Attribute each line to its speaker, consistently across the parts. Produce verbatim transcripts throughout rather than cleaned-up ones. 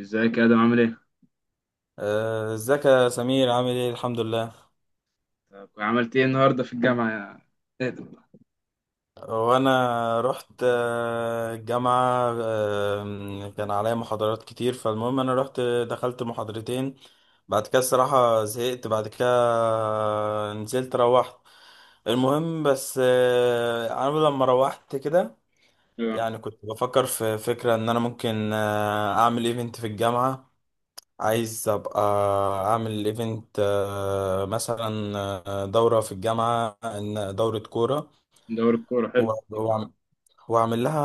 Speaker 1: ازيك يا ادم عامل ايه؟
Speaker 2: آه، ازيك يا سمير، عامل ايه؟ الحمد لله.
Speaker 1: طب عملت ايه النهارده في الجامعه يا ادم؟
Speaker 2: وانا رحت آه، الجامعة، آه، كان عليا محاضرات كتير، فالمهم انا رحت دخلت محاضرتين. بعد كده الصراحة زهقت، بعد كده نزلت روحت. المهم بس آه، انا لما روحت كده
Speaker 1: اه،
Speaker 2: يعني كنت بفكر في فكرة ان انا ممكن آه، اعمل ايفنت في الجامعة. عايز ابقى اعمل ايفنت، آه، مثلا آه، دورة في الجامعة، إن- دورة كورة.
Speaker 1: دوري الكوره حلو.
Speaker 2: و- وأعم- واعمل لها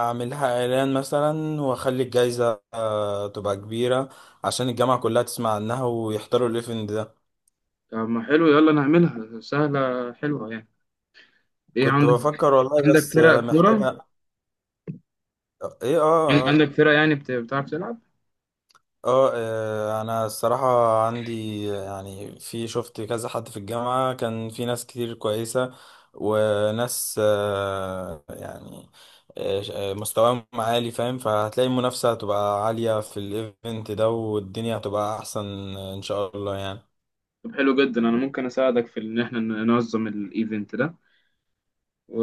Speaker 2: اعمل لها اعلان مثلا، واخلي الجايزة آه، تبقى كبيرة عشان الجامعة كلها تسمع عنها ويحضروا الايفنت ده.
Speaker 1: طب ما حلو، يلا نعملها، سهله حلوه يعني. ايه
Speaker 2: كنت
Speaker 1: عندك؟
Speaker 2: بفكر والله،
Speaker 1: عندك
Speaker 2: بس آه،
Speaker 1: فرق كوره؟
Speaker 2: محتاجة. آه، ايه، اه،
Speaker 1: عن-
Speaker 2: آه،
Speaker 1: عندك
Speaker 2: آه.
Speaker 1: فرق، يعني بت- بتعرف تلعب؟
Speaker 2: اه، آه، انا الصراحة عندي يعني، في شفت كذا حد في الجامعة، كان في ناس كتير كويسة. وناس آه، يعني، آه، آه، مستواهم عالي، فاهم؟ فهتلاقي المنافسة هتبقى عالية في الايفنت ده، والدنيا هتبقى احسن ان شاء الله يعني.
Speaker 1: طب حلو جدا، انا ممكن اساعدك في ان احنا ننظم الايفنت ده و...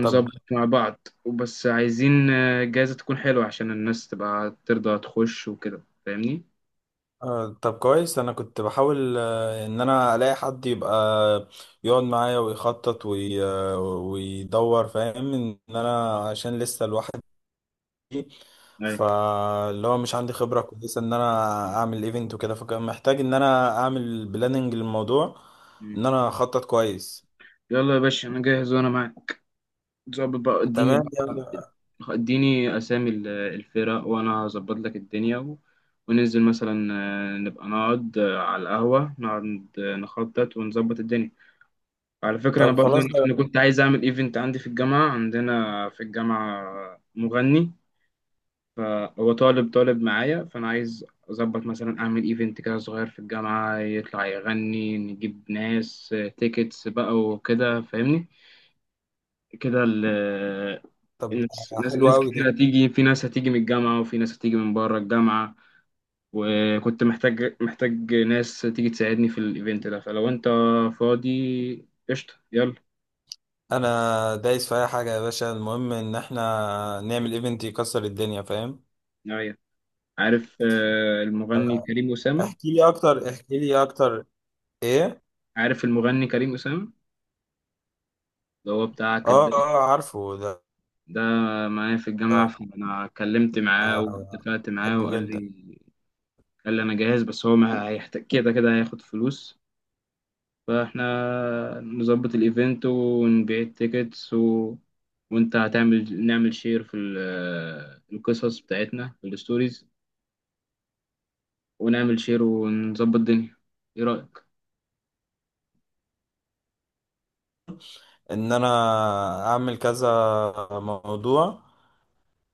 Speaker 2: طب،
Speaker 1: مع بعض، وبس عايزين آه، جايزه تكون حلوه، عشان الناس تبقى ترضى تخش وكده، فاهمني؟
Speaker 2: آه، طب كويس، انا كنت بحاول آه، ان انا الاقي حد يبقى يقعد معايا ويخطط وي- آه، ويدور، فاهم؟ ان انا عشان لسه الواحد،
Speaker 1: ايوه.
Speaker 2: فاللي هو مش عندي خبرة كويسة ان انا اعمل ايفنت وكده، فكان محتاج ان انا اعمل بلاننج للموضوع.
Speaker 1: مم.
Speaker 2: ان انا اخطط كويس.
Speaker 1: يلا يا باشا، انا جاهز وانا معاك. ظبط بقى، اديني
Speaker 2: تمام يعني.
Speaker 1: بقى، اديني اسامي ال- الفرق، وانا هظبط لك الدنيا و... وننزل مثلا، آه، نبقى نقعد آه، على القهوة، نقعد آه، نخطط ونظبط الدنيا. على فكرة انا
Speaker 2: طب
Speaker 1: برضو
Speaker 2: خلاص
Speaker 1: انا
Speaker 2: ده.
Speaker 1: كنت عايز اعمل ايفنت عندي في الجامعة، عندنا في الجامعة مغني، فهو طالب طالب معايا، فانا عايز اظبط مثلا اعمل ايفنت كده صغير في الجامعة، يطلع يغني، نجيب ناس تيكتس بقى وكده، فاهمني كده. ال-
Speaker 2: طب
Speaker 1: ناس
Speaker 2: ده
Speaker 1: ناس
Speaker 2: حلو
Speaker 1: ناس
Speaker 2: قوي
Speaker 1: كتير
Speaker 2: ده.
Speaker 1: هتيجي، في ناس هتيجي من الجامعة، وفي ناس هتيجي من بره الجامعة، وكنت محتاج محتاج ناس تيجي تساعدني في الايفنت ده. فلو انت فاضي قشطة، يلا.
Speaker 2: انا دايس في اي حاجة يا باشا، المهم ان احنا نعمل ايفنت يكسر الدنيا، فاهم؟
Speaker 1: نعم. عارف آه، المغني كريم أسامة؟
Speaker 2: احكي لي اكتر، احكي لي اكتر، ايه؟
Speaker 1: عارف المغني كريم أسامة، اللي هو بتاع
Speaker 2: اه
Speaker 1: كداب؟
Speaker 2: اه، عارفه ده.
Speaker 1: ده معايا في الجامعة، فأنا اتكلمت معاه
Speaker 2: آه،
Speaker 1: واتفقت معاه
Speaker 2: بحبه
Speaker 1: وقال
Speaker 2: جدا.
Speaker 1: لي، قال لي أنا جاهز، بس هو ما هيحتاج كده كده هياخد فلوس. فاحنا نظبط الايفنت ونبيع التيكتس و... وانت هتعمل، نعمل شير في ال- القصص بتاعتنا في الستوريز، ونعمل شير ونظبط الدنيا. ايه رأيك؟
Speaker 2: ان انا اعمل كذا موضوع،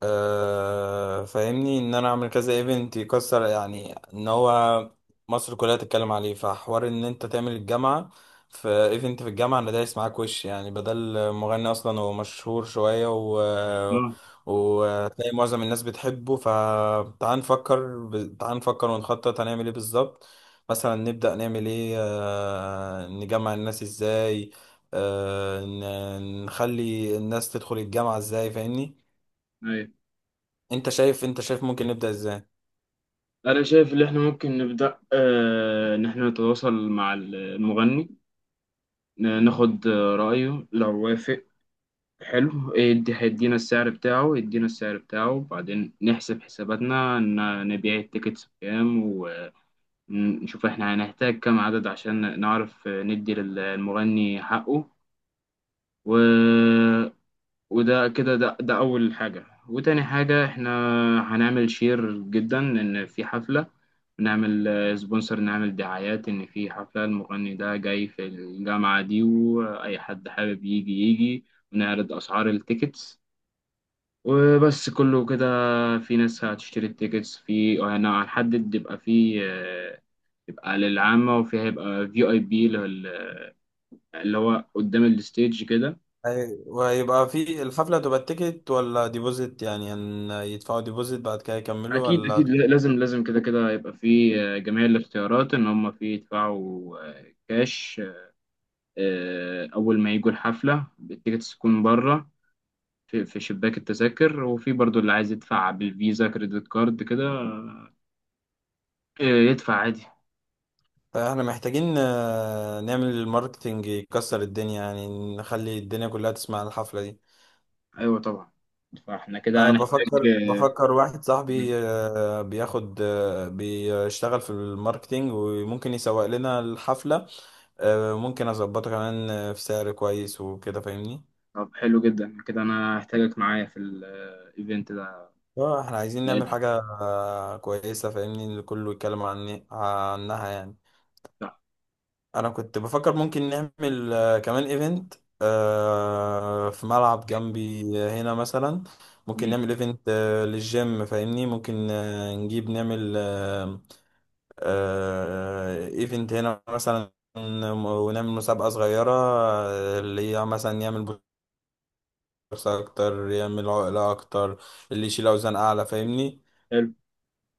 Speaker 2: آه، فاهمني، ان انا اعمل كذا ايفنت يكسر، يعني ان هو مصر كلها تتكلم عليه، فحوار ان انت تعمل الجامعة في ايفنت في الجامعة، انا دايس معاك وش يعني، بدل مغني اصلا هو مشهور شوية و
Speaker 1: اه.
Speaker 2: وتلاقي معظم الناس بتحبه، فتعال نفكر ب... تعال نفكر ونخطط هنعمل ايه بالظبط. مثلا نبدأ نعمل ايه، آه، نجمع الناس ازاي، آه، ن- نخلي الناس تدخل الجامعة ازاي، فاهمني؟
Speaker 1: ايوه،
Speaker 2: انت شايف، انت شايف ممكن نبدأ ازاي؟
Speaker 1: انا شايف ان احنا ممكن نبدأ، آه، ان احنا نتواصل مع المغني، ن- ناخد آه، رأيه، لو وافق حلو، يدي هيدينا السعر بتاعه، يدينا السعر بتاعه، وبعدين نحسب حساباتنا، ن- نبيع التيكتس بكام، ن- نشوف احنا هنحتاج كم عدد عشان نعرف ندي للمغني حقه، و... وده كده ده, ده أول حاجة. وتاني حاجة، احنا هنعمل شير جدا إن في حفلة، نعمل سبونسر، نعمل دعايات إن في حفلة المغني ده جاي في الجامعة دي، وأي حد حابب يجي يجي، ونعرض أسعار التيكتس وبس كله كده. في ناس هتشتري التيكتس، في هنحدد، يبقى في يبقى للعامة، وفي هيبقى في اي بي اللي هو قدام الستيج كده.
Speaker 2: هي- وهيبقى في الحفلة، هتبقى تيكت ولا ديبوزيت؟ يعني ان يدفعوا ديبوزيت بعد كده يكملوا
Speaker 1: اكيد
Speaker 2: ولا
Speaker 1: اكيد، لا-
Speaker 2: هتبقى-
Speaker 1: لازم لازم كده كده يبقى في آه، جميع الاختيارات، ان هم في يدفعوا آه، كاش آه، اول ما يجوا الحفلة، التيكتس تكون بره في في شباك التذاكر، وفي برضو اللي عايز يدفع بالفيزا كريدت كارد كده، آه، يدفع عادي.
Speaker 2: فاحنا محتاجين آه، نعمل الماركتينج يكسر الدنيا، يعني نخلي الدنيا كلها تسمع عن الحفلة دي.
Speaker 1: ايوه طبعا. فاحنا كده
Speaker 2: انا
Speaker 1: هنحتاج
Speaker 2: بفكر
Speaker 1: آه،
Speaker 2: بفكر واحد صاحبي آه، بياخد، آه، بيشتغل في الماركتينج وممكن يسوق لنا الحفلة. آه، ممكن اظبطه كمان آه، في سعر كويس وكده فاهمني.
Speaker 1: طب حلو جدا كده، انا هحتاجك معايا في الايفنت ده
Speaker 2: اه احنا عايزين
Speaker 1: يا
Speaker 2: نعمل
Speaker 1: آدم.
Speaker 2: حاجة آه، كويسة، فاهمني؟ اللي كله يتكلم عني عنها يعني.
Speaker 1: صح.
Speaker 2: انا كنت بفكر ممكن نعمل آه، كمان ايفنت في ملعب جنبي هنا مثلا. ممكن نعمل ايفنت للجيم، فاهمني؟ ممكن آه، نجيب نعمل ايفنت هنا مثلا، ونعمل مسابقة صغيرة، آه، اللي هي مثلا يعمل بوكس اكتر، يعمل عقلة اكتر، اللي يشيل اوزان اعلى، فاهمني؟
Speaker 1: حلو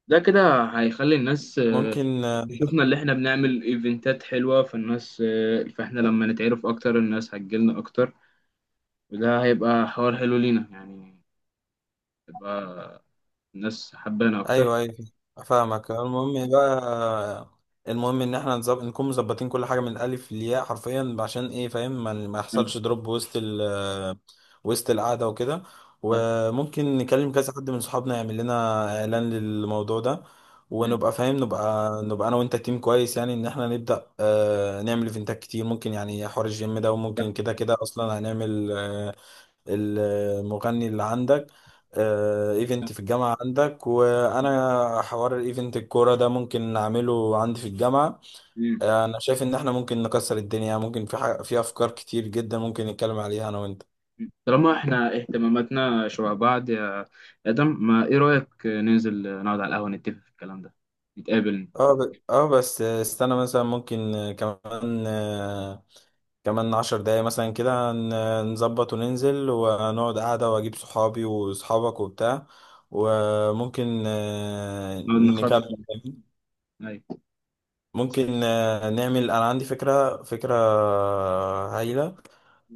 Speaker 1: ده، كده هيخلي الناس آه،
Speaker 2: ممكن آه،
Speaker 1: تشوفنا اللي احنا بنعمل ايفنتات حلوة، فالناس آه، فاحنا لما نتعرف اكتر، الناس هتجيلنا اكتر، وده هيبقى حوار حلو لينا يعني، تبقى الناس حبانا اكتر.
Speaker 2: ايوه ايوه، فاهمك. المهم بقى، المهم ان احنا نظب... نكون مظبطين كل حاجه من الالف للياء، حرفيا، عشان ايه، فاهم؟ ما, ما
Speaker 1: مم.
Speaker 2: يحصلش دروب وسط ال... وسط القعده وكده.
Speaker 1: ده.
Speaker 2: وممكن نكلم كذا حد من صحابنا يعمل لنا اعلان للموضوع ده.
Speaker 1: مم.
Speaker 2: ونبقى فاهم، نبقى نبقى انا وانت تيم كويس، يعني ان احنا نبدا آه... نعمل ايفنتات كتير، ممكن يعني حوار الجيم ده،
Speaker 1: ده.
Speaker 2: وممكن كده كده اصلا هنعمل، آه، المغني اللي عندك، آه،
Speaker 1: ده.
Speaker 2: ايفنت في الجامعة عندك، وانا حوار الايفنت الكورة ده ممكن نعمله عندي في الجامعة.
Speaker 1: مم.
Speaker 2: آه، انا شايف ان احنا ممكن نكسر الدنيا، ممكن في حاجة، في افكار كتير جدا ممكن نتكلم عليها انا وانت.
Speaker 1: مم. طالما احنا اهتماماتنا شبه بعض يا ادم، ما ايه رأيك ننزل نقعد على القهوة، نتفق في الكلام ده، نتقابل،
Speaker 2: اه، ب... اه بس استنى مثلا، ممكن كمان، آه، كمان عشر دقايق مثلا كده ن- نظبط وننزل ونقعد قعدة، واجيب صحابي وصحابك وبتاع، وممكن آه،
Speaker 1: نقعد نخطط.
Speaker 2: نكمل.
Speaker 1: أيوة. صح.
Speaker 2: ممكن آه، نعمل، انا عندي فكرة، فكرة آه، هايلة.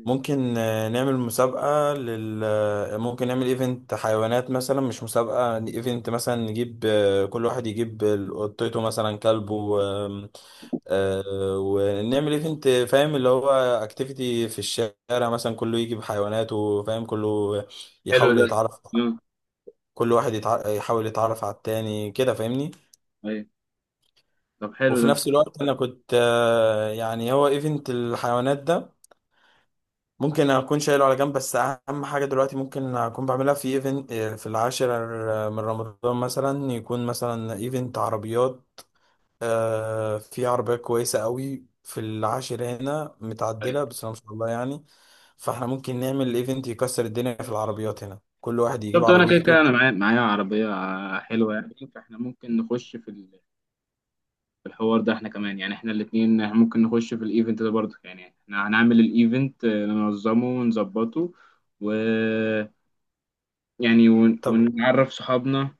Speaker 2: ممكن آه، نعمل مسابقة لل آه، ممكن نعمل ايفنت حيوانات مثلا، مش مسابقة، ايفنت مثلا، نجيب آه، كل واحد يجيب ال- قطته مثلا، كلبه، آم، آه، ونعمل ايفنت، فاهم؟ اللي هو اكتيفيتي في الشارع مثلا، كله يجي بحيواناته، فاهم؟ كله
Speaker 1: حلو
Speaker 2: يحاول
Speaker 1: ده.
Speaker 2: يتعرف،
Speaker 1: يلا.
Speaker 2: كل واحد يتع... يحاول يتعرف على التاني كده، فاهمني؟
Speaker 1: أيوة. طب
Speaker 2: وفي
Speaker 1: حلو
Speaker 2: نفس الوقت، انا كنت آه، يعني، هو ايفنت الحيوانات ده ممكن اكون شايله على جنب، بس اهم حاجه دلوقتي ممكن اكون بعملها في ايفنت في العاشر من رمضان مثلا، يكون مثلا ايفنت عربيات، آه، في عربيه كويسه قوي في العاشر هنا
Speaker 1: ده.
Speaker 2: متعدله، بس ما شاء الله يعني. فاحنا ممكن نعمل ايفنت يكسر الدنيا في العربيات هنا، كل واحد يجيب
Speaker 1: شفت، انا كده كده
Speaker 2: عربيته.
Speaker 1: انا معايا معايا عربيه حلوه يعني، فاحنا ممكن نخش في ال- في الحوار ده. احنا كمان يعني احنا الاثنين ممكن نخش في الايفنت ده برضه يعني، احنا هنعمل الايفنت آه، ننظمه ونظبطه، و يعني ون- ونعرف صحابنا،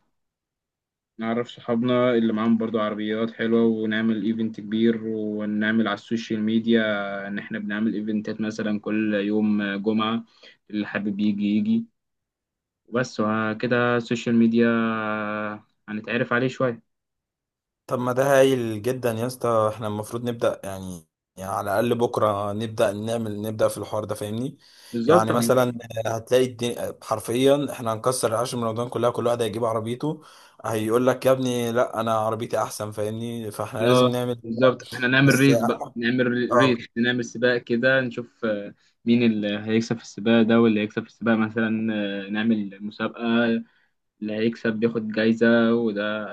Speaker 1: نعرف صحابنا اللي معاهم برضه عربيات حلوه، ونعمل ايفنت كبير، ونعمل على السوشيال ميديا ان احنا بنعمل ايفنتات مثلا كل يوم جمعه، اللي حابب يجي يجي وبس. وكده السوشيال ميديا هنتعرف عليه شوية.
Speaker 2: طب ما ده هايل جدا يا اسطى، احنا المفروض نبدأ يعني, يعني على الأقل بكرة نبدأ نعمل، نبدأ في الحوار ده، فاهمني؟
Speaker 1: بالظبط
Speaker 2: يعني مثلا
Speaker 1: يعني.
Speaker 2: هتلاقي الدنيا حرفيا، احنا هنكسر العشر من رمضان كلها، كل واحد هيجيب عربيته، هيقول لك يا ابني لا، انا عربيتي احسن، فاهمني؟ فاحنا لازم
Speaker 1: اه،
Speaker 2: نعمل كده.
Speaker 1: بالظبط، احنا نعمل
Speaker 2: بس
Speaker 1: ريس بقى، نعمل
Speaker 2: اه،
Speaker 1: ريس، نعمل سباق كده، نشوف آه، مين اللي هيكسب في السباق ده، واللي هيكسب في السباق مثلا آه، نعمل مسابقة، اللي هيكسب بياخد جايزة، وده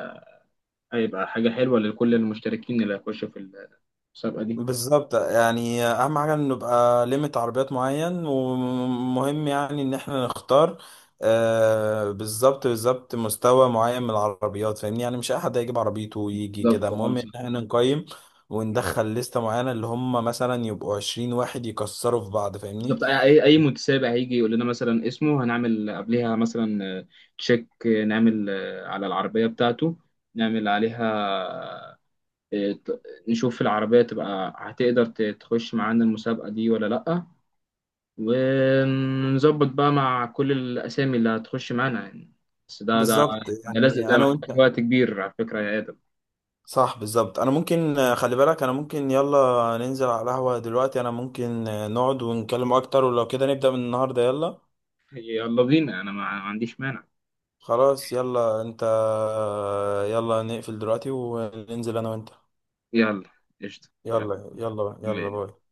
Speaker 1: هيبقى حاجة حلوة لكل المشتركين اللي هيخشوا في المسابقة دي.
Speaker 2: بالظبط يعني، اهم حاجه ان نبقى ليميت عربيات معين، ومهم يعني ان احنا نختار آه بالظبط، بالظبط مستوى معين من العربيات، فاهمني؟ يعني مش اي حد هيجيب عربيته ويجي كده،
Speaker 1: بالظبط، اه
Speaker 2: المهم ان
Speaker 1: صح.
Speaker 2: احنا نقيم وندخل لستة معينة اللي هم مثلا يبقوا عشرين واحد يكسروا في بعض، فاهمني؟
Speaker 1: بالظبط، اي اي متسابق هيجي يقول لنا مثلا اسمه، هنعمل قبلها مثلا آه، تشيك، آه، نعمل آه، على العربيه بتاعته، نعمل عليها آه، ت- نشوف العربيه تبقى هتقدر ت- تخش معانا المسابقه دي ولا لا، ونظبط بقى مع كل الاسامي اللي هتخش معانا يعني. بس ده ده
Speaker 2: بالظبط
Speaker 1: ده لازم،
Speaker 2: يعني،
Speaker 1: ده
Speaker 2: انا
Speaker 1: محتاج
Speaker 2: وانت.
Speaker 1: وقت كبير على فكره يا ادم.
Speaker 2: صح، بالظبط، انا ممكن آه، خلي بالك، انا ممكن، يلا ننزل على القهوة دلوقتي، انا ممكن آه، نقعد ونتكلم اكتر، ولو كده نبدأ من النهاردة، يلا.
Speaker 1: يلا بينا، انا ما ما عنديش مانع.
Speaker 2: خلاص يلا انت، يلا نقفل دلوقتي وننزل انا وانت.
Speaker 1: يلا قشطه،
Speaker 2: يلا يلا يلا،
Speaker 1: يلا.
Speaker 2: باي.